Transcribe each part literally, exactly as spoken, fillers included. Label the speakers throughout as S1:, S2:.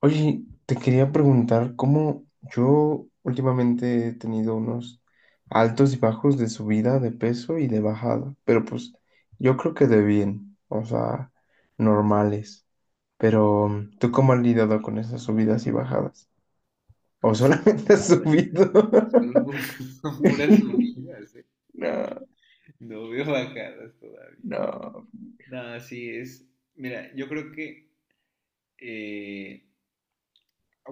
S1: Oye, te quería preguntar cómo yo últimamente he tenido unos altos y bajos de subida de peso y de bajada, pero pues yo creo que de bien, o sea, normales. Pero ¿tú cómo has lidiado con esas subidas y bajadas? ¿O solamente has
S2: Híjole.
S1: subido?
S2: Son, pu- son puras subidas, ¿eh?
S1: No,
S2: No veo bajadas todavía.
S1: no.
S2: No, sí, es. Mira, yo creo que. eh,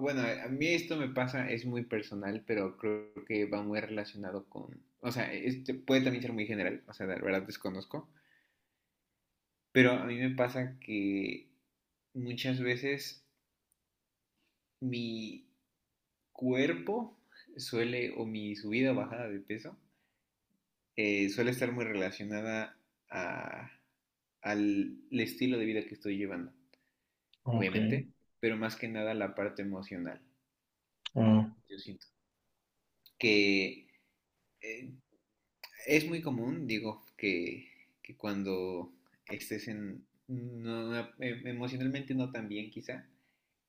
S2: bueno, a a mí esto me pasa, es muy personal, pero creo que va muy relacionado con. O sea, este puede también ser muy general, o sea, la verdad desconozco. Pero a mí me pasa que muchas veces mi cuerpo suele, o mi subida o bajada de peso, eh, suele estar muy relacionada a- al estilo de vida que estoy llevando,
S1: Ok.
S2: obviamente, pero más que nada la parte emocional,
S1: Ah,
S2: yo siento. Que eh, es muy común, digo, que, que cuando estés en, no- no- em- emocionalmente no tan bien quizá,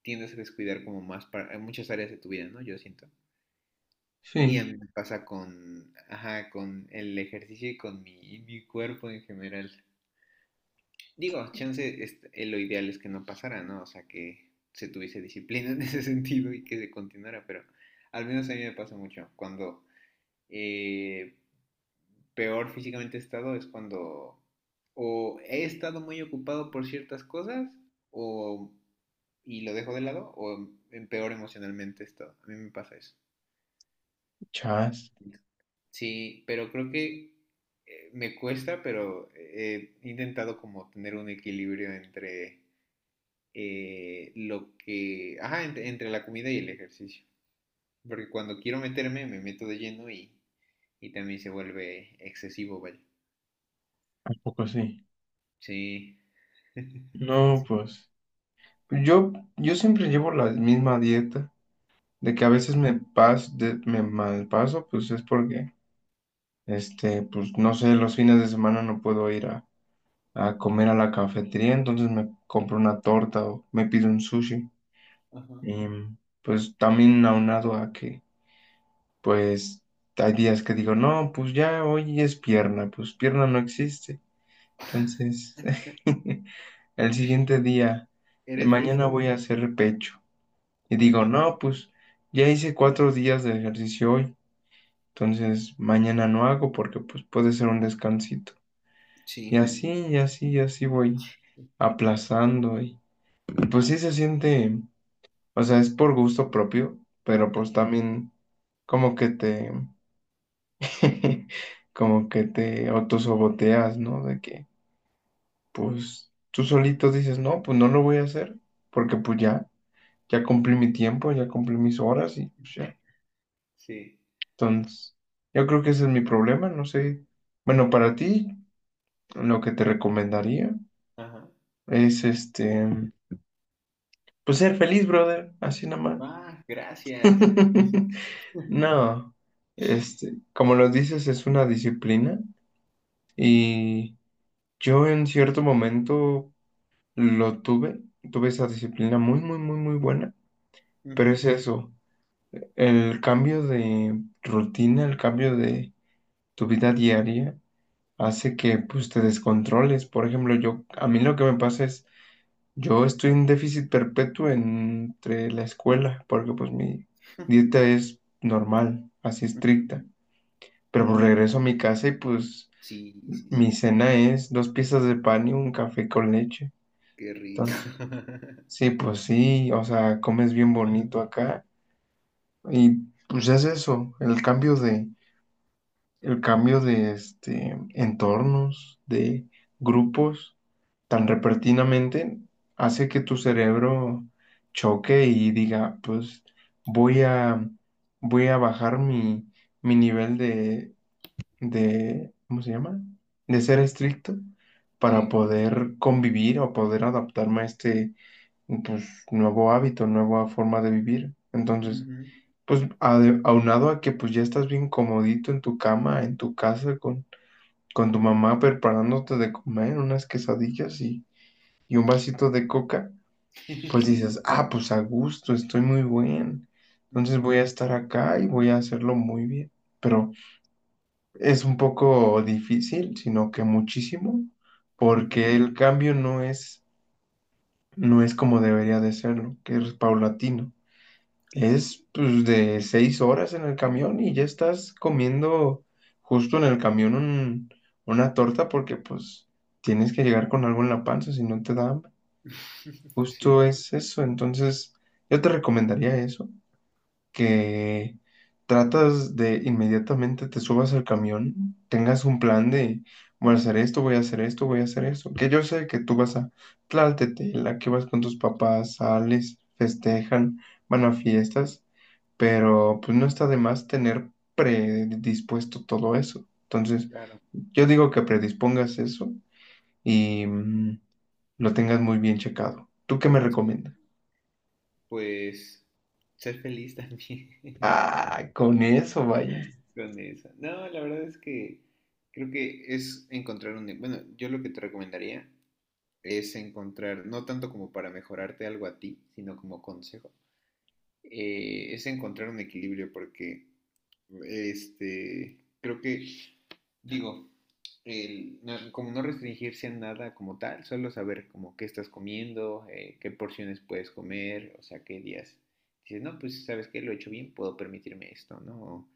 S2: tiendes a descuidar como más para, muchas áreas de tu vida, ¿no? Yo siento. Y a
S1: sí.
S2: mí me pasa con, ajá, con el ejercicio y con mi, mi cuerpo en general. Digo, chance, es- eh, lo ideal es que no pasara, ¿no? O sea, que se tuviese disciplina en ese sentido y que se continuara, pero al menos a mí me pasa mucho. Cuando eh, peor físicamente he estado es cuando o he estado muy ocupado por ciertas cosas o y lo dejo de lado o en peor emocionalmente he estado. A mí me pasa eso.
S1: Chas.
S2: Sí, pero creo que eh, me cuesta, pero he intentado como tener un equilibrio entre eh, lo que... Ajá, entre, entre la comida y el ejercicio. Porque cuando quiero meterme, me meto de lleno y, y también se vuelve excesivo, vaya.
S1: ¿A poco sí?
S2: Sí. Un poco
S1: No,
S2: sí.
S1: pues yo, yo siempre llevo la misma dieta. De que a veces
S2: Ajá,
S1: me pas, de- me mal paso pues es porque, este, pues no sé, los fines de semana no puedo ir a, a comer a la cafetería, entonces me compro una torta o me pido un sushi.
S2: ajá,
S1: Y pues también aunado a que, pues hay días que digo, no, pues ya hoy es pierna, pues pierna no existe. Entonces, el siguiente día, eh,
S2: ¿eres de
S1: mañana voy
S2: esos?
S1: a hacer pecho. Y digo,
S2: Ajá.
S1: no, pues ya hice cuatro días de ejercicio hoy. Entonces, mañana no hago porque pues puede ser un descansito. Y
S2: Sí.
S1: así, y así, y así voy aplazando. Y, y pues sí se siente, o sea, es por gusto propio, pero
S2: Ah,
S1: pues también como que te, como que te autosaboteas, ¿no? De que pues tú solito dices, no, pues no lo voy a hacer porque pues ya, ya cumplí mi tiempo, ya cumplí mis horas y pues
S2: eh,
S1: ya.
S2: sí.
S1: Entonces, yo creo que ese es mi problema, no sé. Bueno, para ti. Lo que te recomendaría
S2: Ajá.
S1: es este, pues ser feliz, brother, así nomás.
S2: Va, gracias.
S1: No, este, como lo dices, es una disciplina y yo en cierto momento lo tuve, tuve esa disciplina muy, muy, muy, muy buena, pero
S2: Ujú,
S1: es eso, el cambio de rutina, el cambio de tu vida diaria hace que pues te descontroles. Por ejemplo, yo, a mí lo que me pasa es, yo estoy en déficit perpetuo entre la escuela, porque pues mi dieta es normal, así
S2: ujú,
S1: estricta. Pero pues regreso a mi casa y pues
S2: sí, sí, sí.
S1: mi cena es dos piezas de pan y un café con leche.
S2: Qué rico.
S1: Entonces, sí, pues sí, o sea, comes bien
S2: Ajá,
S1: bonito acá. Y pues es eso, el cambio de, el cambio de este entornos, de grupos, tan repentinamente hace que tu cerebro choque y diga, pues voy a, voy a bajar mi, mi nivel de, de, ¿cómo se llama? De ser estricto para
S2: sí.
S1: poder convivir o poder adaptarme a este, pues, nuevo hábito, nueva forma de vivir. Entonces,
S2: Ujú,
S1: pues ade- aunado a que pues ya estás bien comodito en tu cama, en tu casa, con, con tu mamá preparándote de comer unas quesadillas y un vasito de coca, pues dices, ah, pues a gusto, estoy muy bien. Entonces
S2: ujú,
S1: voy a estar acá y voy a hacerlo muy bien. Pero es un poco difícil, sino que muchísimo,
S2: ujú,
S1: porque el cambio no es, no es como debería de serlo, que es paulatino.
S2: claro.
S1: Es pues de seis horas en el camión y ya estás comiendo justo en el camión un- una torta porque pues tienes que llegar con algo en la panza, si no te da.
S2: Sí,
S1: Justo es eso, entonces yo te recomendaría eso, que tratas de inmediatamente te subas al camión, tengas un plan de voy a hacer esto, voy a hacer esto, voy a hacer esto, que yo sé que tú vas a la que vas con tus papás, sales, festejan, van a fiestas, pero pues no está de más tener predispuesto todo eso. Entonces,
S2: claro.
S1: yo digo que predispongas eso y mm, lo tengas muy bien checado. ¿Tú qué me
S2: Sí.
S1: recomiendas?
S2: Pues ser feliz también
S1: Ah, con eso, vaya.
S2: con eso. No, la verdad es que creo que es encontrar un... Bueno, yo lo que te recomendaría es encontrar, no tanto como para mejorarte algo a ti, sino como consejo, eh, es encontrar un equilibrio porque este, creo que digo, el, no- como no restringirse a nada como tal, solo saber como qué estás comiendo, eh, qué porciones puedes comer, o sea, qué días. Dices, no, pues sabes que lo he hecho bien, puedo permitirme esto, ¿no?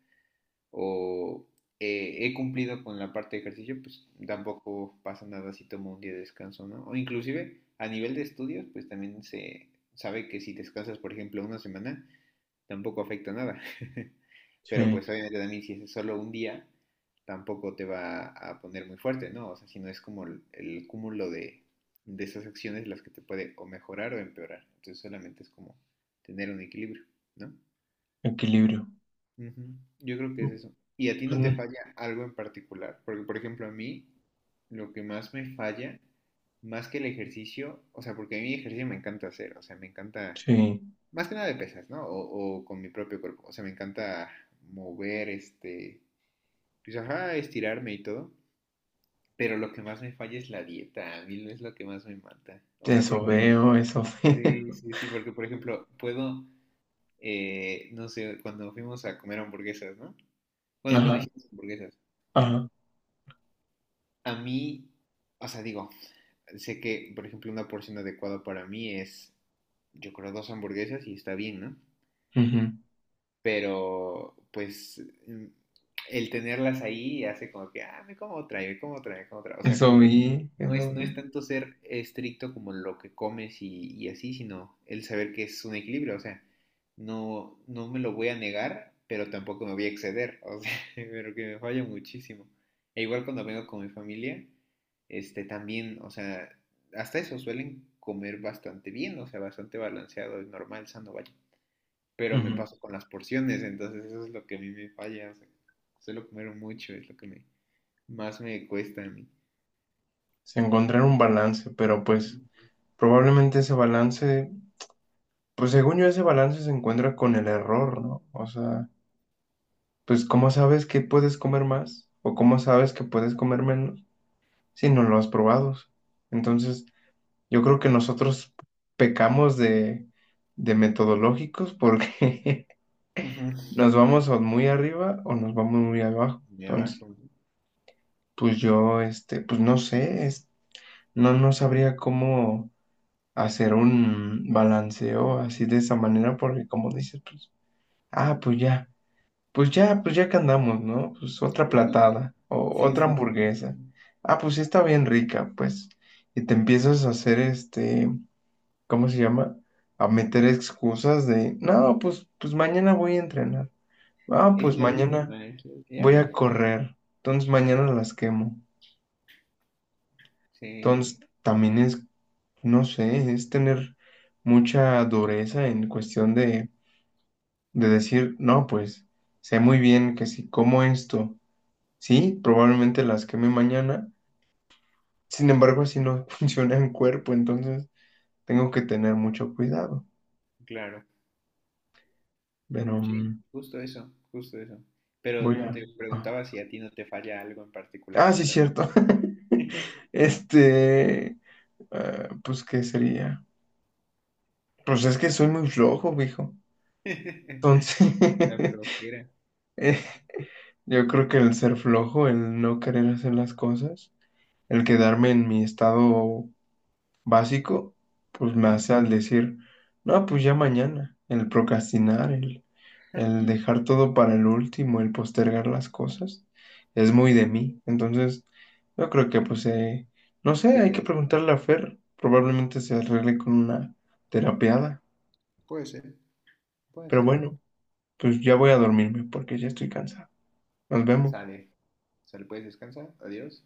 S2: O eh, he cumplido con la parte de ejercicio, pues tampoco pasa nada si tomo un día de descanso, ¿no? O inclusive a nivel de estudios, pues también se sabe que si descansas, por ejemplo, una semana, tampoco afecta nada. Pero
S1: Sí,
S2: pues obviamente también si es solo un día, tampoco te va a poner muy fuerte, ¿no? O sea, si no es como el, el cúmulo de, de esas acciones las que te puede o mejorar o empeorar. Entonces solamente es como tener un equilibrio, ¿no?
S1: equilibrio.
S2: Ujú. Yo creo que es
S1: Pues,
S2: eso. ¿Y a ti no te
S1: mm,
S2: falla algo en particular? Porque, por ejemplo, a mí lo que más me falla, más que el ejercicio, o sea, porque a mí el ejercicio me encanta hacer, o sea, me encanta
S1: sí,
S2: más que nada de pesas, ¿no? O, o con mi propio cuerpo. O sea, me encanta mover, este, pues ajá, estirarme y todo. Pero lo que más me falla es la dieta. A mí no es lo que más me mata. O sea,
S1: eso
S2: porque,
S1: veo, eso
S2: sí,
S1: veo.
S2: sí, sí, porque por ejemplo, puedo, eh, no sé, cuando fuimos a comer hamburguesas, ¿no? Bueno, cuando
S1: Ajá,
S2: hicimos hamburguesas,
S1: ajá.
S2: a mí, o sea, digo, sé que, por ejemplo, una porción adecuada para mí es, yo creo, dos hamburguesas y está bien, ¿no?
S1: Ujú.
S2: Pero pues mm, el tenerlas ahí hace como que, ah, me como otra, y me como otra, me como otra. O sea,
S1: Eso
S2: como que
S1: vi,
S2: no
S1: eso
S2: es, no es
S1: vi.
S2: tanto ser estricto como lo que comes y, y así, sino el saber que es un equilibrio. O sea, no, no me lo voy a negar, pero tampoco me voy a exceder. O sea, pero que me falla muchísimo. E igual cuando vengo con mi familia, este también, o sea, hasta eso suelen comer bastante bien, o sea, bastante balanceado y normal, sano, vaya, pero me
S1: Ujú.
S2: paso con las porciones, entonces eso es lo que a mí me falla, o sea, suelo comer mucho, es lo que me, más me cuesta a mí.
S1: Se encontrar un balance, pero pues probablemente ese balance, pues según yo ese balance se encuentra con el error, ¿no? O sea, pues ¿cómo sabes que puedes comer más? ¿O cómo sabes que puedes comer menos si no lo has probado? Entonces, yo creo que nosotros pecamos de, de metodológicos porque
S2: Ujú.
S1: nos vamos o muy arriba o nos vamos muy abajo.
S2: Me
S1: Entonces,
S2: abajo. ¿No?
S1: pues yo, este, pues no sé, es- no, no sabría cómo hacer un balanceo así de esa manera porque como dices, pues, ah, pues ya, pues ya, pues ya que andamos, ¿no? Pues otra platada o
S2: Sí,
S1: otra
S2: sí, sí, sí, sí.
S1: hamburguesa.
S2: Sí.
S1: Ah, pues sí está bien rica, pues. Y te empiezas a hacer este ¿cómo se llama? A meter excusas de, no, pues, pues mañana voy a entrenar. Ah,
S2: Es
S1: pues
S2: la
S1: mañana
S2: última, es la última. Ya
S1: voy a
S2: mañana.
S1: correr. Entonces mañana las quemo.
S2: Sí,
S1: Entonces también es, no sé, es tener mucha dureza en cuestión de, de decir, no, pues sé muy bien que si como esto, sí, probablemente las queme mañana. Sin embargo, así no funciona en cuerpo, entonces tengo que tener mucho cuidado.
S2: claro.
S1: Pero
S2: Sí,
S1: mm,
S2: justo eso, justo eso.
S1: voy
S2: Pero
S1: a...
S2: te
S1: ajá.
S2: preguntaba si a ti no te falla algo en particular,
S1: Ah,
S2: o
S1: sí,
S2: sea,
S1: cierto. Este, ah, pues, ¿qué sería? Pues es que soy muy flojo, viejo. Entonces,
S2: la flojera.
S1: eh, yo creo que el ser flojo, el no querer hacer las cosas, el quedarme en mi estado básico, pues me
S2: Ajá.
S1: hace al decir, no, pues ya mañana, el procrastinar, el, el dejar todo para el último, el postergar las cosas, es muy de mí. Entonces, yo creo que, pues, eh, no sé,
S2: Se
S1: hay
S2: le
S1: que
S2: hace.
S1: preguntarle a Fer, probablemente se arregle con una terapeada,
S2: Puede ser, puede
S1: pero
S2: ser.
S1: bueno, pues ya voy a dormirme porque ya estoy cansado. Nos vemos.
S2: Sale. Sale, puedes descansar. Adiós.